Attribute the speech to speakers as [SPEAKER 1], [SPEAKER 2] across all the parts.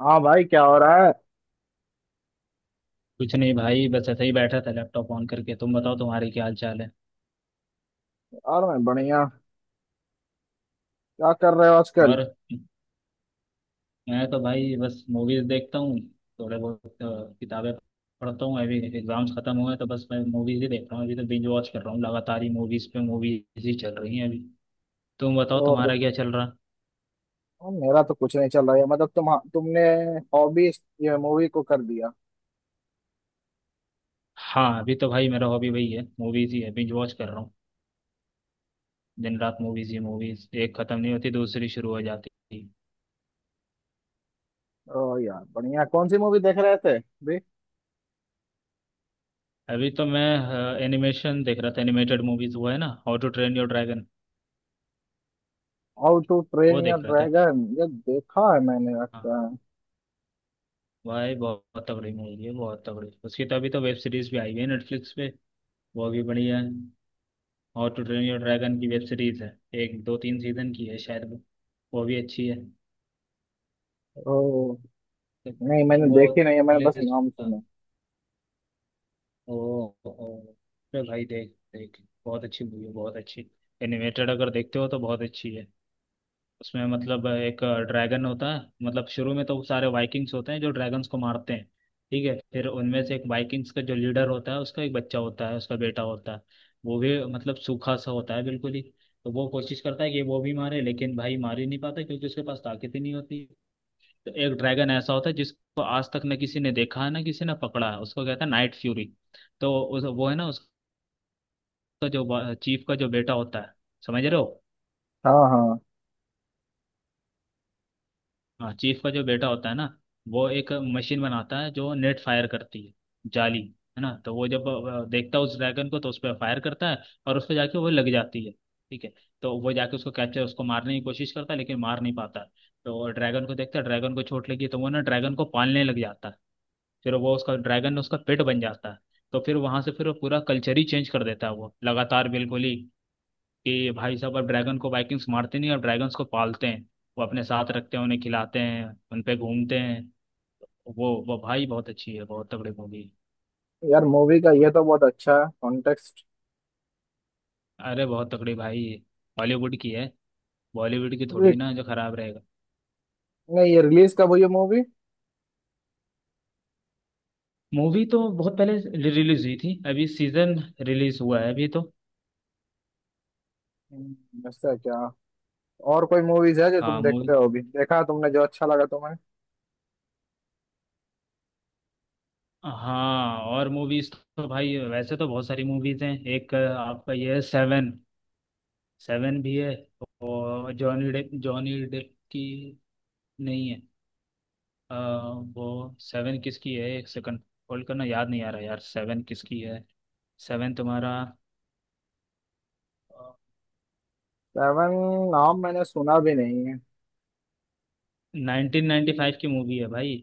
[SPEAKER 1] हाँ भाई, क्या हो रहा है।
[SPEAKER 2] कुछ नहीं भाई, बस ऐसे ही बैठा था, लैपटॉप ऑन करके। तुम बताओ, तुम्हारी क्या हाल चाल है?
[SPEAKER 1] यार, मैं बढ़िया। क्या कर रहे हो आजकल।
[SPEAKER 2] और मैं तो भाई बस मूवीज देखता हूँ, थोड़े बहुत किताबें पढ़ता हूँ। अभी एग्जाम्स खत्म हुए हैं, तो बस मैं मूवीज ही देख रहा हूँ। अभी तो बिंज वॉच कर रहा हूँ लगातार ही, मूवीज पे मूवीज ही चल रही हैं अभी। तुम बताओ
[SPEAKER 1] और
[SPEAKER 2] तुम्हारा क्या चल रहा?
[SPEAKER 1] और मेरा तो कुछ नहीं चल रहा है। मतलब तुमने हॉबी ये मूवी को कर दिया।
[SPEAKER 2] हाँ, अभी तो भाई मेरा हॉबी वही है, मूवीज ही है। बिंज वॉच कर रहा हूँ, दिन रात मूवीज ही मूवीज। एक खत्म नहीं होती, दूसरी शुरू हो जाती है।
[SPEAKER 1] ओ यार, बढ़िया। कौन सी मूवी देख रहे थे भी।
[SPEAKER 2] अभी तो मैं एनिमेशन देख रहा था, एनिमेटेड मूवीज। वो है ना, how to train your dragon,
[SPEAKER 1] how to train
[SPEAKER 2] वो
[SPEAKER 1] योर
[SPEAKER 2] देख रहा था।
[SPEAKER 1] ड्रैगन, ये देखा है मैंने
[SPEAKER 2] हाँ
[SPEAKER 1] लगता
[SPEAKER 2] हाँ।
[SPEAKER 1] है।
[SPEAKER 2] भाई बहुत बहुत तगड़ी मूवी है, बहुत तगड़ी। उसकी तो अभी तो वेब सीरीज भी आई हुई है नेटफ्लिक्स पे, वो भी बढ़िया है। How to train your dragon की वेब सीरीज है, एक दो तीन सीजन की है शायद वो। वो भी अच्छी है।
[SPEAKER 1] ओ, नहीं, मैंने
[SPEAKER 2] वो
[SPEAKER 1] देखी नहीं है, मैंने बस नाम सुना।
[SPEAKER 2] ओ, ओ, अरे भाई, देख देख, बहुत अच्छी मूवी है, बहुत अच्छी। एनिमेटेड अगर देखते हो तो बहुत अच्छी है। उसमें मतलब एक ड्रैगन होता है। मतलब शुरू में तो सारे वाइकिंग्स होते हैं जो ड्रैगन्स को मारते हैं, ठीक है? फिर उनमें से एक वाइकिंग्स का जो लीडर होता है, उसका एक बच्चा होता है, उसका बेटा होता है। वो भी मतलब सूखा सा होता है बिल्कुल ही। तो वो कोशिश करता है कि वो भी मारे, लेकिन भाई मार ही नहीं पाता, क्योंकि उसके पास ताकत ही नहीं होती। तो एक ड्रैगन ऐसा होता है जिसको आज तक न किसी ने देखा है ना किसी ने पकड़ा है, उसको कहता है नाइट फ्यूरी। तो वो है ना उसका, जो चीफ का जो बेटा होता है, समझ रहे हो?
[SPEAKER 1] हाँ हाँ।
[SPEAKER 2] हाँ, चीफ का जो बेटा होता है ना, वो एक मशीन बनाता है जो नेट फायर करती है, जाली, है ना? तो वो जब देखता है उस ड्रैगन को, तो उस पर फायर करता है, और उस पर जाके वो लग जाती है, ठीक है? तो वो जाके उसको कैप्चर, उसको मारने की कोशिश करता है, लेकिन मार नहीं पाता है। तो ड्रैगन को देखता है, ड्रैगन को चोट लगी, तो वो ना ड्रैगन को पालने लग जाता है। फिर वो उसका ड्रैगन, उसका पेट बन जाता है। तो फिर वहां से फिर वो पूरा कल्चर ही चेंज कर देता है वो, लगातार बिल्कुल ही, कि भाई साहब अब ड्रैगन को वाइकिंग्स मारते नहीं, अब ड्रैगन्स को पालते हैं, वो अपने साथ रखते हैं, उन्हें खिलाते हैं, उन पे घूमते हैं। वो भाई बहुत अच्छी है, बहुत तगड़ी मूवी।
[SPEAKER 1] यार, मूवी का ये तो बहुत अच्छा है कॉन्टेक्स्ट।
[SPEAKER 2] अरे बहुत तगड़ी भाई, हॉलीवुड की है, बॉलीवुड की थोड़ी ना जो खराब रहेगा।
[SPEAKER 1] नहीं, ये रिलीज कब हुई है मूवी।
[SPEAKER 2] मूवी तो बहुत पहले रिलीज हुई थी, अभी सीजन रिलीज हुआ है अभी तो।
[SPEAKER 1] ऐसा क्या। और कोई मूवीज है जो
[SPEAKER 2] हाँ
[SPEAKER 1] तुम
[SPEAKER 2] मूवी।
[SPEAKER 1] देखते हो अभी, देखा तुमने जो अच्छा लगा तुम्हें।
[SPEAKER 2] हाँ, और मूवीज तो भाई वैसे तो बहुत सारी मूवीज हैं। एक आपका ये है सेवन, सेवन भी है। और जॉनी डेप, जॉनी डेप की नहीं है। अ, वो सेवन किसकी है एक सेकंड, होल्ड करना, याद नहीं आ रहा यार, सेवन किसकी है। सेवन तुम्हारा
[SPEAKER 1] सेवन? नाम मैंने सुना भी नहीं है।
[SPEAKER 2] नाइनटीन नाइन्टी फाइव की मूवी है भाई।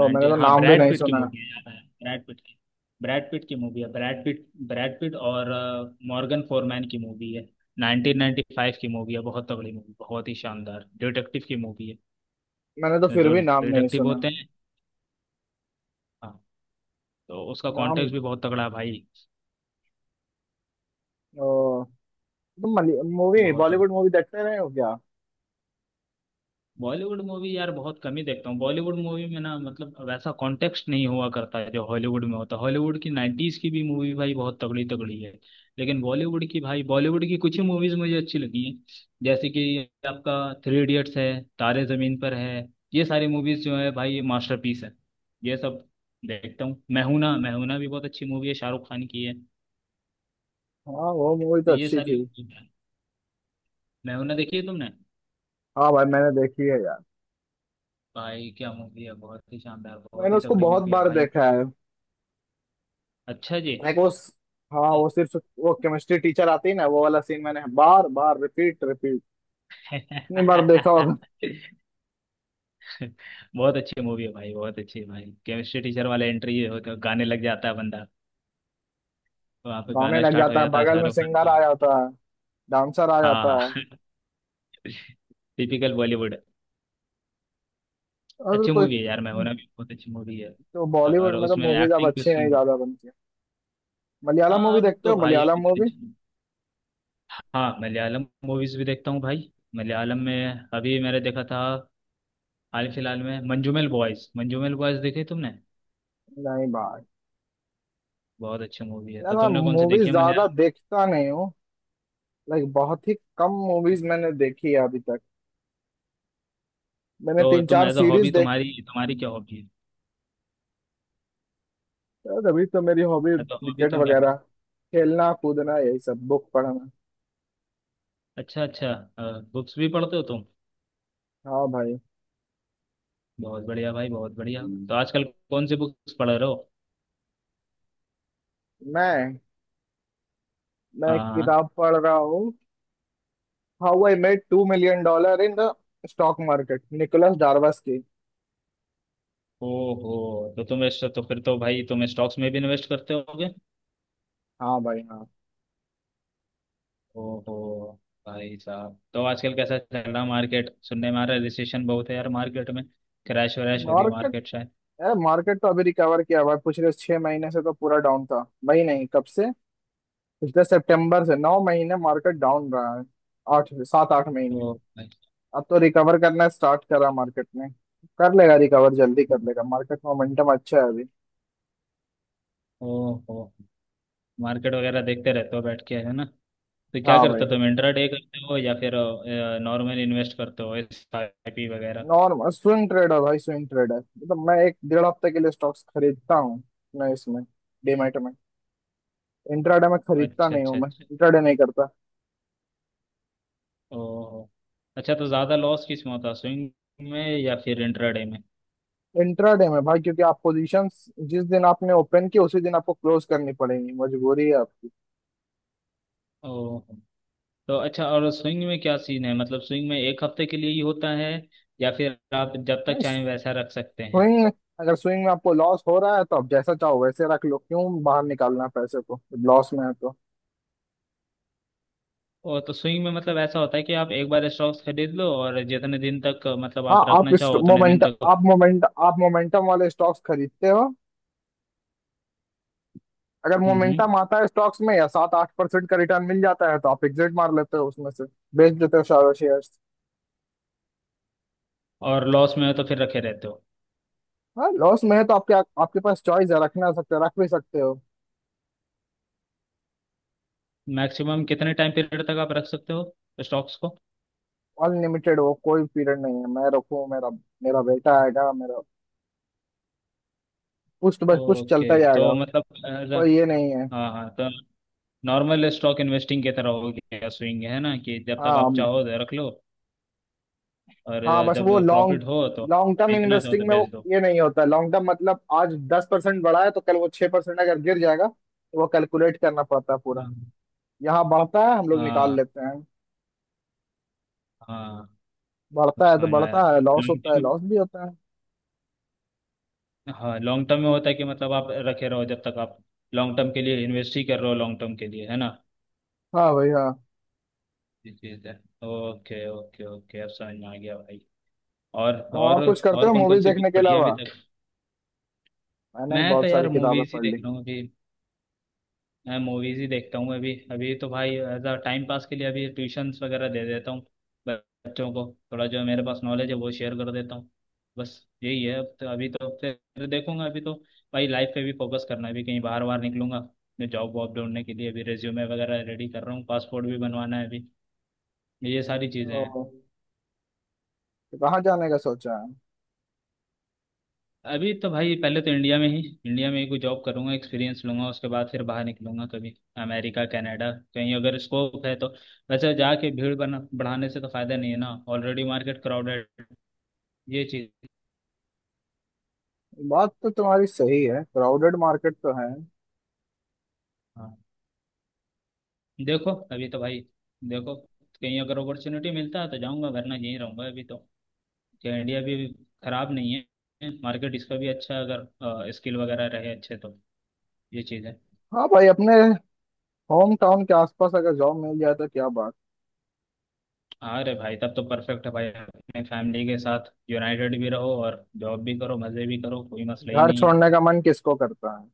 [SPEAKER 1] और मैंने तो
[SPEAKER 2] हाँ,
[SPEAKER 1] नाम भी
[SPEAKER 2] ब्रैड
[SPEAKER 1] नहीं
[SPEAKER 2] पिट की
[SPEAKER 1] सुना।
[SPEAKER 2] मूवी है, याद आया। ब्रैड पिट की, ब्रैड पिट की मूवी है, ब्रैड पिट, ब्रैड पिट और मॉर्गन फोरमैन की मूवी है। 1995 की मूवी है, बहुत तगड़ी मूवी, बहुत ही शानदार डिटेक्टिव की मूवी है।
[SPEAKER 1] मैंने तो
[SPEAKER 2] इसमें
[SPEAKER 1] फिर
[SPEAKER 2] दो
[SPEAKER 1] भी नाम नहीं
[SPEAKER 2] डिटेक्टिव
[SPEAKER 1] सुना।
[SPEAKER 2] होते हैं, हाँ, तो उसका
[SPEAKER 1] नाम।
[SPEAKER 2] कॉन्टेक्स्ट भी बहुत तगड़ा है भाई।
[SPEAKER 1] ओ, तुम मूवी,
[SPEAKER 2] बहुत
[SPEAKER 1] बॉलीवुड मूवी देखते रहे हो क्या।
[SPEAKER 2] बॉलीवुड मूवी यार बहुत कम ही देखता हूँ। बॉलीवुड मूवी में ना, मतलब वैसा कॉन्टेक्स्ट नहीं हुआ करता है जो हॉलीवुड में होता है। हॉलीवुड की नाइन्टीज की भी मूवी भाई बहुत तगड़ी तगड़ी है, लेकिन बॉलीवुड की, भाई बॉलीवुड की कुछ ही मूवीज मुझे अच्छी लगी हैं। जैसे कि आपका थ्री इडियट्स है, तारे जमीन पर है। ये सारी मूवीज जो है भाई, ये मास्टरपीस है ये सब। देखता हूँ, मैहूना, मैहूना भी बहुत अच्छी मूवी है, शाहरुख खान की है।
[SPEAKER 1] हाँ, वो मूवी तो
[SPEAKER 2] तो ये
[SPEAKER 1] अच्छी
[SPEAKER 2] सारी,
[SPEAKER 1] थी।
[SPEAKER 2] मैहूना देखी है तुमने?
[SPEAKER 1] हाँ भाई, मैंने देखी है यार।
[SPEAKER 2] भाई क्या मूवी है, बहुत ही शानदार, बहुत
[SPEAKER 1] मैंने
[SPEAKER 2] ही
[SPEAKER 1] उसको
[SPEAKER 2] तगड़ी
[SPEAKER 1] बहुत
[SPEAKER 2] मूवी है
[SPEAKER 1] बार
[SPEAKER 2] भाई।
[SPEAKER 1] देखा है।
[SPEAKER 2] अच्छा जी।
[SPEAKER 1] एक वो, हाँ वो सिर्फ वो केमिस्ट्री टीचर आती है ना, वो वाला सीन मैंने बार बार रिपीट रिपीट इतनी बार देखा होगा।
[SPEAKER 2] बहुत अच्छी मूवी है भाई, बहुत अच्छी है भाई। केमिस्ट्री टीचर वाला एंट्री होता है, गाने लग जाता है बंदा, वहाँ पे
[SPEAKER 1] गाने
[SPEAKER 2] गाना
[SPEAKER 1] लग
[SPEAKER 2] स्टार्ट हो
[SPEAKER 1] जाता है,
[SPEAKER 2] जाता है,
[SPEAKER 1] बगल में
[SPEAKER 2] शाहरुख खान
[SPEAKER 1] सिंगर
[SPEAKER 2] का।
[SPEAKER 1] आ जाता है, डांसर आ जाता
[SPEAKER 2] हाँ,
[SPEAKER 1] है।
[SPEAKER 2] टिपिकल बॉलीवुड।
[SPEAKER 1] और
[SPEAKER 2] अच्छी
[SPEAKER 1] कोई।
[SPEAKER 2] मूवी है यार, मैं होना भी बहुत अच्छी मूवी है,
[SPEAKER 1] तो
[SPEAKER 2] और
[SPEAKER 1] बॉलीवुड में तो
[SPEAKER 2] उसमें
[SPEAKER 1] मूवीज अब
[SPEAKER 2] एक्टिंग भी
[SPEAKER 1] अच्छी नहीं
[SPEAKER 2] उसकी।
[SPEAKER 1] ज्यादा बनती। मलयालम
[SPEAKER 2] हाँ,
[SPEAKER 1] मूवी
[SPEAKER 2] अब
[SPEAKER 1] देखते
[SPEAKER 2] तो
[SPEAKER 1] हो,
[SPEAKER 2] भाई,
[SPEAKER 1] मलयालम
[SPEAKER 2] अभी तो
[SPEAKER 1] मूवी।
[SPEAKER 2] अच्छी- हाँ, मलयालम मूवीज भी देखता हूँ भाई। मलयालम में अभी मैंने देखा था, हाल फिलहाल में, मंजूमेल बॉयज, मंजूमेल बॉयज देखी तुमने?
[SPEAKER 1] नहीं भाई।
[SPEAKER 2] बहुत अच्छी मूवी है।
[SPEAKER 1] यार,
[SPEAKER 2] तो
[SPEAKER 1] मैं
[SPEAKER 2] तुमने कौन सी देखी
[SPEAKER 1] मूवीज
[SPEAKER 2] है
[SPEAKER 1] ज्यादा
[SPEAKER 2] मलयालम?
[SPEAKER 1] देखता नहीं हूँ। लाइक, बहुत ही कम मूवीज मैंने देखी है अभी तक। मैंने
[SPEAKER 2] तो
[SPEAKER 1] तीन
[SPEAKER 2] तुम
[SPEAKER 1] चार
[SPEAKER 2] एज अ
[SPEAKER 1] सीरीज
[SPEAKER 2] हॉबी,
[SPEAKER 1] देखता
[SPEAKER 2] तुम्हारी तुम्हारी क्या हॉबी है?
[SPEAKER 1] हूँ, तभी तो मेरी hobby
[SPEAKER 2] as a hobby
[SPEAKER 1] cricket
[SPEAKER 2] तुम क्या कर?
[SPEAKER 1] वगैरह, खेलना कूदना, यही सब, बुक पढ़ना।
[SPEAKER 2] अच्छा अच्छा। बुक्स भी पढ़ते हो तुम?
[SPEAKER 1] हाँ भाई,
[SPEAKER 2] बहुत बढ़िया भाई, बहुत बढ़िया। हम्म। तो आजकल कौन सी बुक्स पढ़ रहे हो?
[SPEAKER 1] मैं मैं एक
[SPEAKER 2] हाँ।
[SPEAKER 1] किताब पढ़ रहा हूँ। How I made $2 million in the stock market, Nicholas Darvas की।
[SPEAKER 2] ओहो, तो तुम इस, तो फिर तो भाई तुम स्टॉक्स में भी इन्वेस्ट करते होगे।
[SPEAKER 1] हाँ भाई, हाँ।
[SPEAKER 2] ओहो। भाई साहब, तो आजकल कैसा चल रहा मार्केट, सुनने में आ रहा है रिसेशन बहुत है यार मार्केट में, क्रैश वैश हो रही है
[SPEAKER 1] मार्केट
[SPEAKER 2] मार्केट शायद।
[SPEAKER 1] मार्केट तो अभी रिकवर किया हुआ है, पिछले 6 महीने से तो पूरा डाउन था। भाई नहीं, कब से। पिछले सितंबर से 9 महीने मार्केट डाउन रहा है। आठ सात आठ महीने।
[SPEAKER 2] तो भाई,
[SPEAKER 1] अब तो रिकवर करना स्टार्ट करा मार्केट ने। कर लेगा रिकवर, जल्दी कर लेगा मार्केट, मोमेंटम अच्छा है अभी।
[SPEAKER 2] ओहो, मार्केट वगैरह देखते रहते हो बैठ के, है ना? तो क्या
[SPEAKER 1] हाँ
[SPEAKER 2] करते
[SPEAKER 1] भाई।
[SPEAKER 2] हो तुम, इंट्राडे करते हो या फिर नॉर्मल इन्वेस्ट करते हो, एस आई पी वगैरह?
[SPEAKER 1] नॉर्मल स्विंग ट्रेडर भाई, स्विंग ट्रेडर मतलब मैं एक डेढ़ हफ्ते के लिए स्टॉक्स खरीदता हूँ। मैं इसमें डीमैट में, इंट्राडे में खरीदता
[SPEAKER 2] अच्छा
[SPEAKER 1] नहीं
[SPEAKER 2] अच्छा
[SPEAKER 1] हूँ, मैं
[SPEAKER 2] अच्छा।
[SPEAKER 1] इंट्राडे नहीं करता।
[SPEAKER 2] ओहो। अच्छा, तो ज़्यादा लॉस किस में होता है, स्विंग में या फिर इंट्राडे में?
[SPEAKER 1] इंट्राडे में भाई, क्योंकि आप पोजीशंस जिस दिन आपने ओपन की उसी दिन आपको क्लोज करनी पड़ेगी, मजबूरी है आपकी।
[SPEAKER 2] ओहो। तो अच्छा, और स्विंग में क्या सीन है? मतलब स्विंग में एक हफ्ते के लिए ही होता है, या फिर आप जब तक
[SPEAKER 1] नहीं,
[SPEAKER 2] चाहें वैसा रख सकते हैं?
[SPEAKER 1] वही है, अगर स्विंग में आपको लॉस हो रहा है तो आप जैसा चाहो वैसे रख लो, क्यों बाहर निकालना है पैसे को, लॉस में है तो।
[SPEAKER 2] और तो स्विंग में मतलब ऐसा होता है कि आप एक बार स्टॉक्स खरीद लो, और जितने दिन तक मतलब
[SPEAKER 1] हाँ,
[SPEAKER 2] आप
[SPEAKER 1] आप
[SPEAKER 2] रखना
[SPEAKER 1] इस
[SPEAKER 2] चाहो उतने दिन तक।
[SPEAKER 1] मोमेंट आप मोमेंटम वाले स्टॉक्स खरीदते हो। अगर
[SPEAKER 2] हम्म हम्म।
[SPEAKER 1] मोमेंटम आता है स्टॉक्स में या 7-8% का रिटर्न मिल जाता है तो आप एग्जिट मार लेते हो उसमें से। बेच देते हो सारे शेयर्स।
[SPEAKER 2] और लॉस में हो तो फिर रखे रहते हो?
[SPEAKER 1] हाँ, लॉस में है तो आपके आपके पास चॉइस है, रखना सकते हो, रख भी सकते हो।
[SPEAKER 2] मैक्सिमम कितने टाइम पीरियड तक आप रख सकते हो स्टॉक्स को?
[SPEAKER 1] अनलिमिटेड, वो कोई पीरियड नहीं है। मैं रखूँ, मेरा मेरा बेटा आएगा, मेरा पुश्त बस पुश्त
[SPEAKER 2] ओके,
[SPEAKER 1] चलता
[SPEAKER 2] तो
[SPEAKER 1] जाएगा,
[SPEAKER 2] मतलब as a-
[SPEAKER 1] कोई ये नहीं है।
[SPEAKER 2] हाँ हाँ, तो नॉर्मल स्टॉक इन्वेस्टिंग की तरह हो गया स्विंग, है ना? कि जब तक
[SPEAKER 1] हाँ
[SPEAKER 2] आप चाहो तो रख लो, और
[SPEAKER 1] हाँ, बस
[SPEAKER 2] जब
[SPEAKER 1] वो लॉन्ग
[SPEAKER 2] प्रॉफिट हो तो
[SPEAKER 1] लॉन्ग टर्म
[SPEAKER 2] बेचना चाहो तो
[SPEAKER 1] इन्वेस्टिंग में वो
[SPEAKER 2] बेच दो।
[SPEAKER 1] ये नहीं होता। लॉन्ग टर्म मतलब आज 10% बढ़ा है तो कल वो 6% अगर गिर जाएगा तो वो कैलकुलेट करना पड़ता है पूरा।
[SPEAKER 2] हाँ,
[SPEAKER 1] यहाँ बढ़ता है, हम लोग निकाल
[SPEAKER 2] हाँ,
[SPEAKER 1] लेते हैं।
[SPEAKER 2] हाँ, अब
[SPEAKER 1] बढ़ता है तो
[SPEAKER 2] समझ में आया।
[SPEAKER 1] बढ़ता है, लॉस
[SPEAKER 2] लॉन्ग
[SPEAKER 1] होता है,
[SPEAKER 2] टर्म,
[SPEAKER 1] लॉस भी होता है।
[SPEAKER 2] हाँ लॉन्ग टर्म में होता है कि मतलब आप रखे रहो जब तक आप लॉन्ग टर्म के लिए इन्वेस्ट ही कर रहे हो लॉन्ग टर्म के लिए, है ना?
[SPEAKER 1] हाँ भाई, हाँ।
[SPEAKER 2] ये चीज़ है। ओके ओके ओके, अब समझ में आ गया भाई। और
[SPEAKER 1] तो और
[SPEAKER 2] और
[SPEAKER 1] कुछ करते
[SPEAKER 2] और
[SPEAKER 1] हो
[SPEAKER 2] कौन कौन
[SPEAKER 1] मूवीज
[SPEAKER 2] सी
[SPEAKER 1] देखने
[SPEAKER 2] बुक
[SPEAKER 1] के
[SPEAKER 2] पढ़ी है अभी
[SPEAKER 1] अलावा।
[SPEAKER 2] तक?
[SPEAKER 1] मैंने
[SPEAKER 2] मैं तो
[SPEAKER 1] बहुत सारी
[SPEAKER 2] यार
[SPEAKER 1] किताबें
[SPEAKER 2] मूवीज ही
[SPEAKER 1] पढ़
[SPEAKER 2] देख
[SPEAKER 1] ली।
[SPEAKER 2] रहा हूँ अभी, मैं मूवीज ही देखता हूँ अभी। अभी तो भाई एज अ टाइम पास के लिए अभी ट्यूशन्स वगैरह दे देता हूँ बच्चों को, थोड़ा जो मेरे पास नॉलेज है वो शेयर कर देता हूँ, बस। यही है अब तो। अभी तो फिर तो देखूंगा, अभी तो भाई लाइफ पे भी फोकस करना है। अभी कहीं बाहर बाहर निकलूंगा मैं, जॉब वॉब ढूंढने के लिए। अभी रेज्यूमे वगैरह रेडी कर रहा हूँ, पासपोर्ट भी बनवाना है अभी, ये सारी चीज़ें
[SPEAKER 1] ओह,
[SPEAKER 2] हैं।
[SPEAKER 1] तो कहाँ जाने का सोचा है।
[SPEAKER 2] अभी तो भाई पहले तो इंडिया में ही, इंडिया में ही कोई जॉब करूंगा, एक्सपीरियंस लूंगा, उसके बाद फिर बाहर निकलूंगा कभी। अमेरिका कनाडा कहीं अगर स्कोप है तो, वैसे जाके भीड़ बना बढ़ाने से तो फायदा नहीं है ना, ऑलरेडी मार्केट क्राउडेड, ये चीज़।
[SPEAKER 1] बात तो तुम्हारी सही है, क्राउडेड मार्केट तो है।
[SPEAKER 2] हाँ। देखो अभी तो भाई, देखो कहीं अगर अपॉर्चुनिटी मिलता है तो जाऊंगा, वरना यहीं रहूंगा अभी तो। क्या इंडिया भी खराब नहीं है, मार्केट इसका भी अच्छा है, अगर स्किल वगैरह रहे अच्छे तो। ये चीज़ है।
[SPEAKER 1] हाँ भाई, अपने होम टाउन के आसपास अगर जॉब मिल जाए तो क्या बात।
[SPEAKER 2] हाँ रे भाई, तब तो परफेक्ट है भाई, अपने फैमिली के साथ यूनाइटेड भी रहो और जॉब भी करो, मज़े भी करो, कोई मसला ही
[SPEAKER 1] घर
[SPEAKER 2] नहीं है।
[SPEAKER 1] छोड़ने का मन किसको करता है।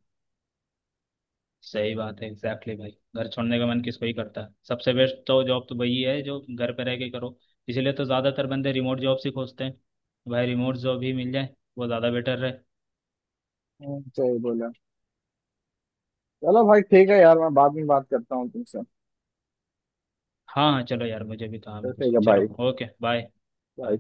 [SPEAKER 2] सही बात है एग्जैक्टली भाई, घर छोड़ने का मन किसको ही करता है? सबसे बेस्ट तो जॉब तो वही है जो घर पे रह के करो। इसीलिए तो ज़्यादातर बंदे रिमोट जॉब्स ही खोजते हैं। भाई रिमोट जॉब ही मिल जाए वो ज़्यादा बेटर रहे।
[SPEAKER 1] सही बोला। चलो भाई, ठीक है यार, मैं बाद में बात करता हूँ तुमसे।
[SPEAKER 2] हाँ हाँ, चलो यार, मुझे भी काम
[SPEAKER 1] तो
[SPEAKER 2] है
[SPEAKER 1] ठीक
[SPEAKER 2] कुछ,
[SPEAKER 1] है भाई।
[SPEAKER 2] चलो। Okay bye.
[SPEAKER 1] बाय।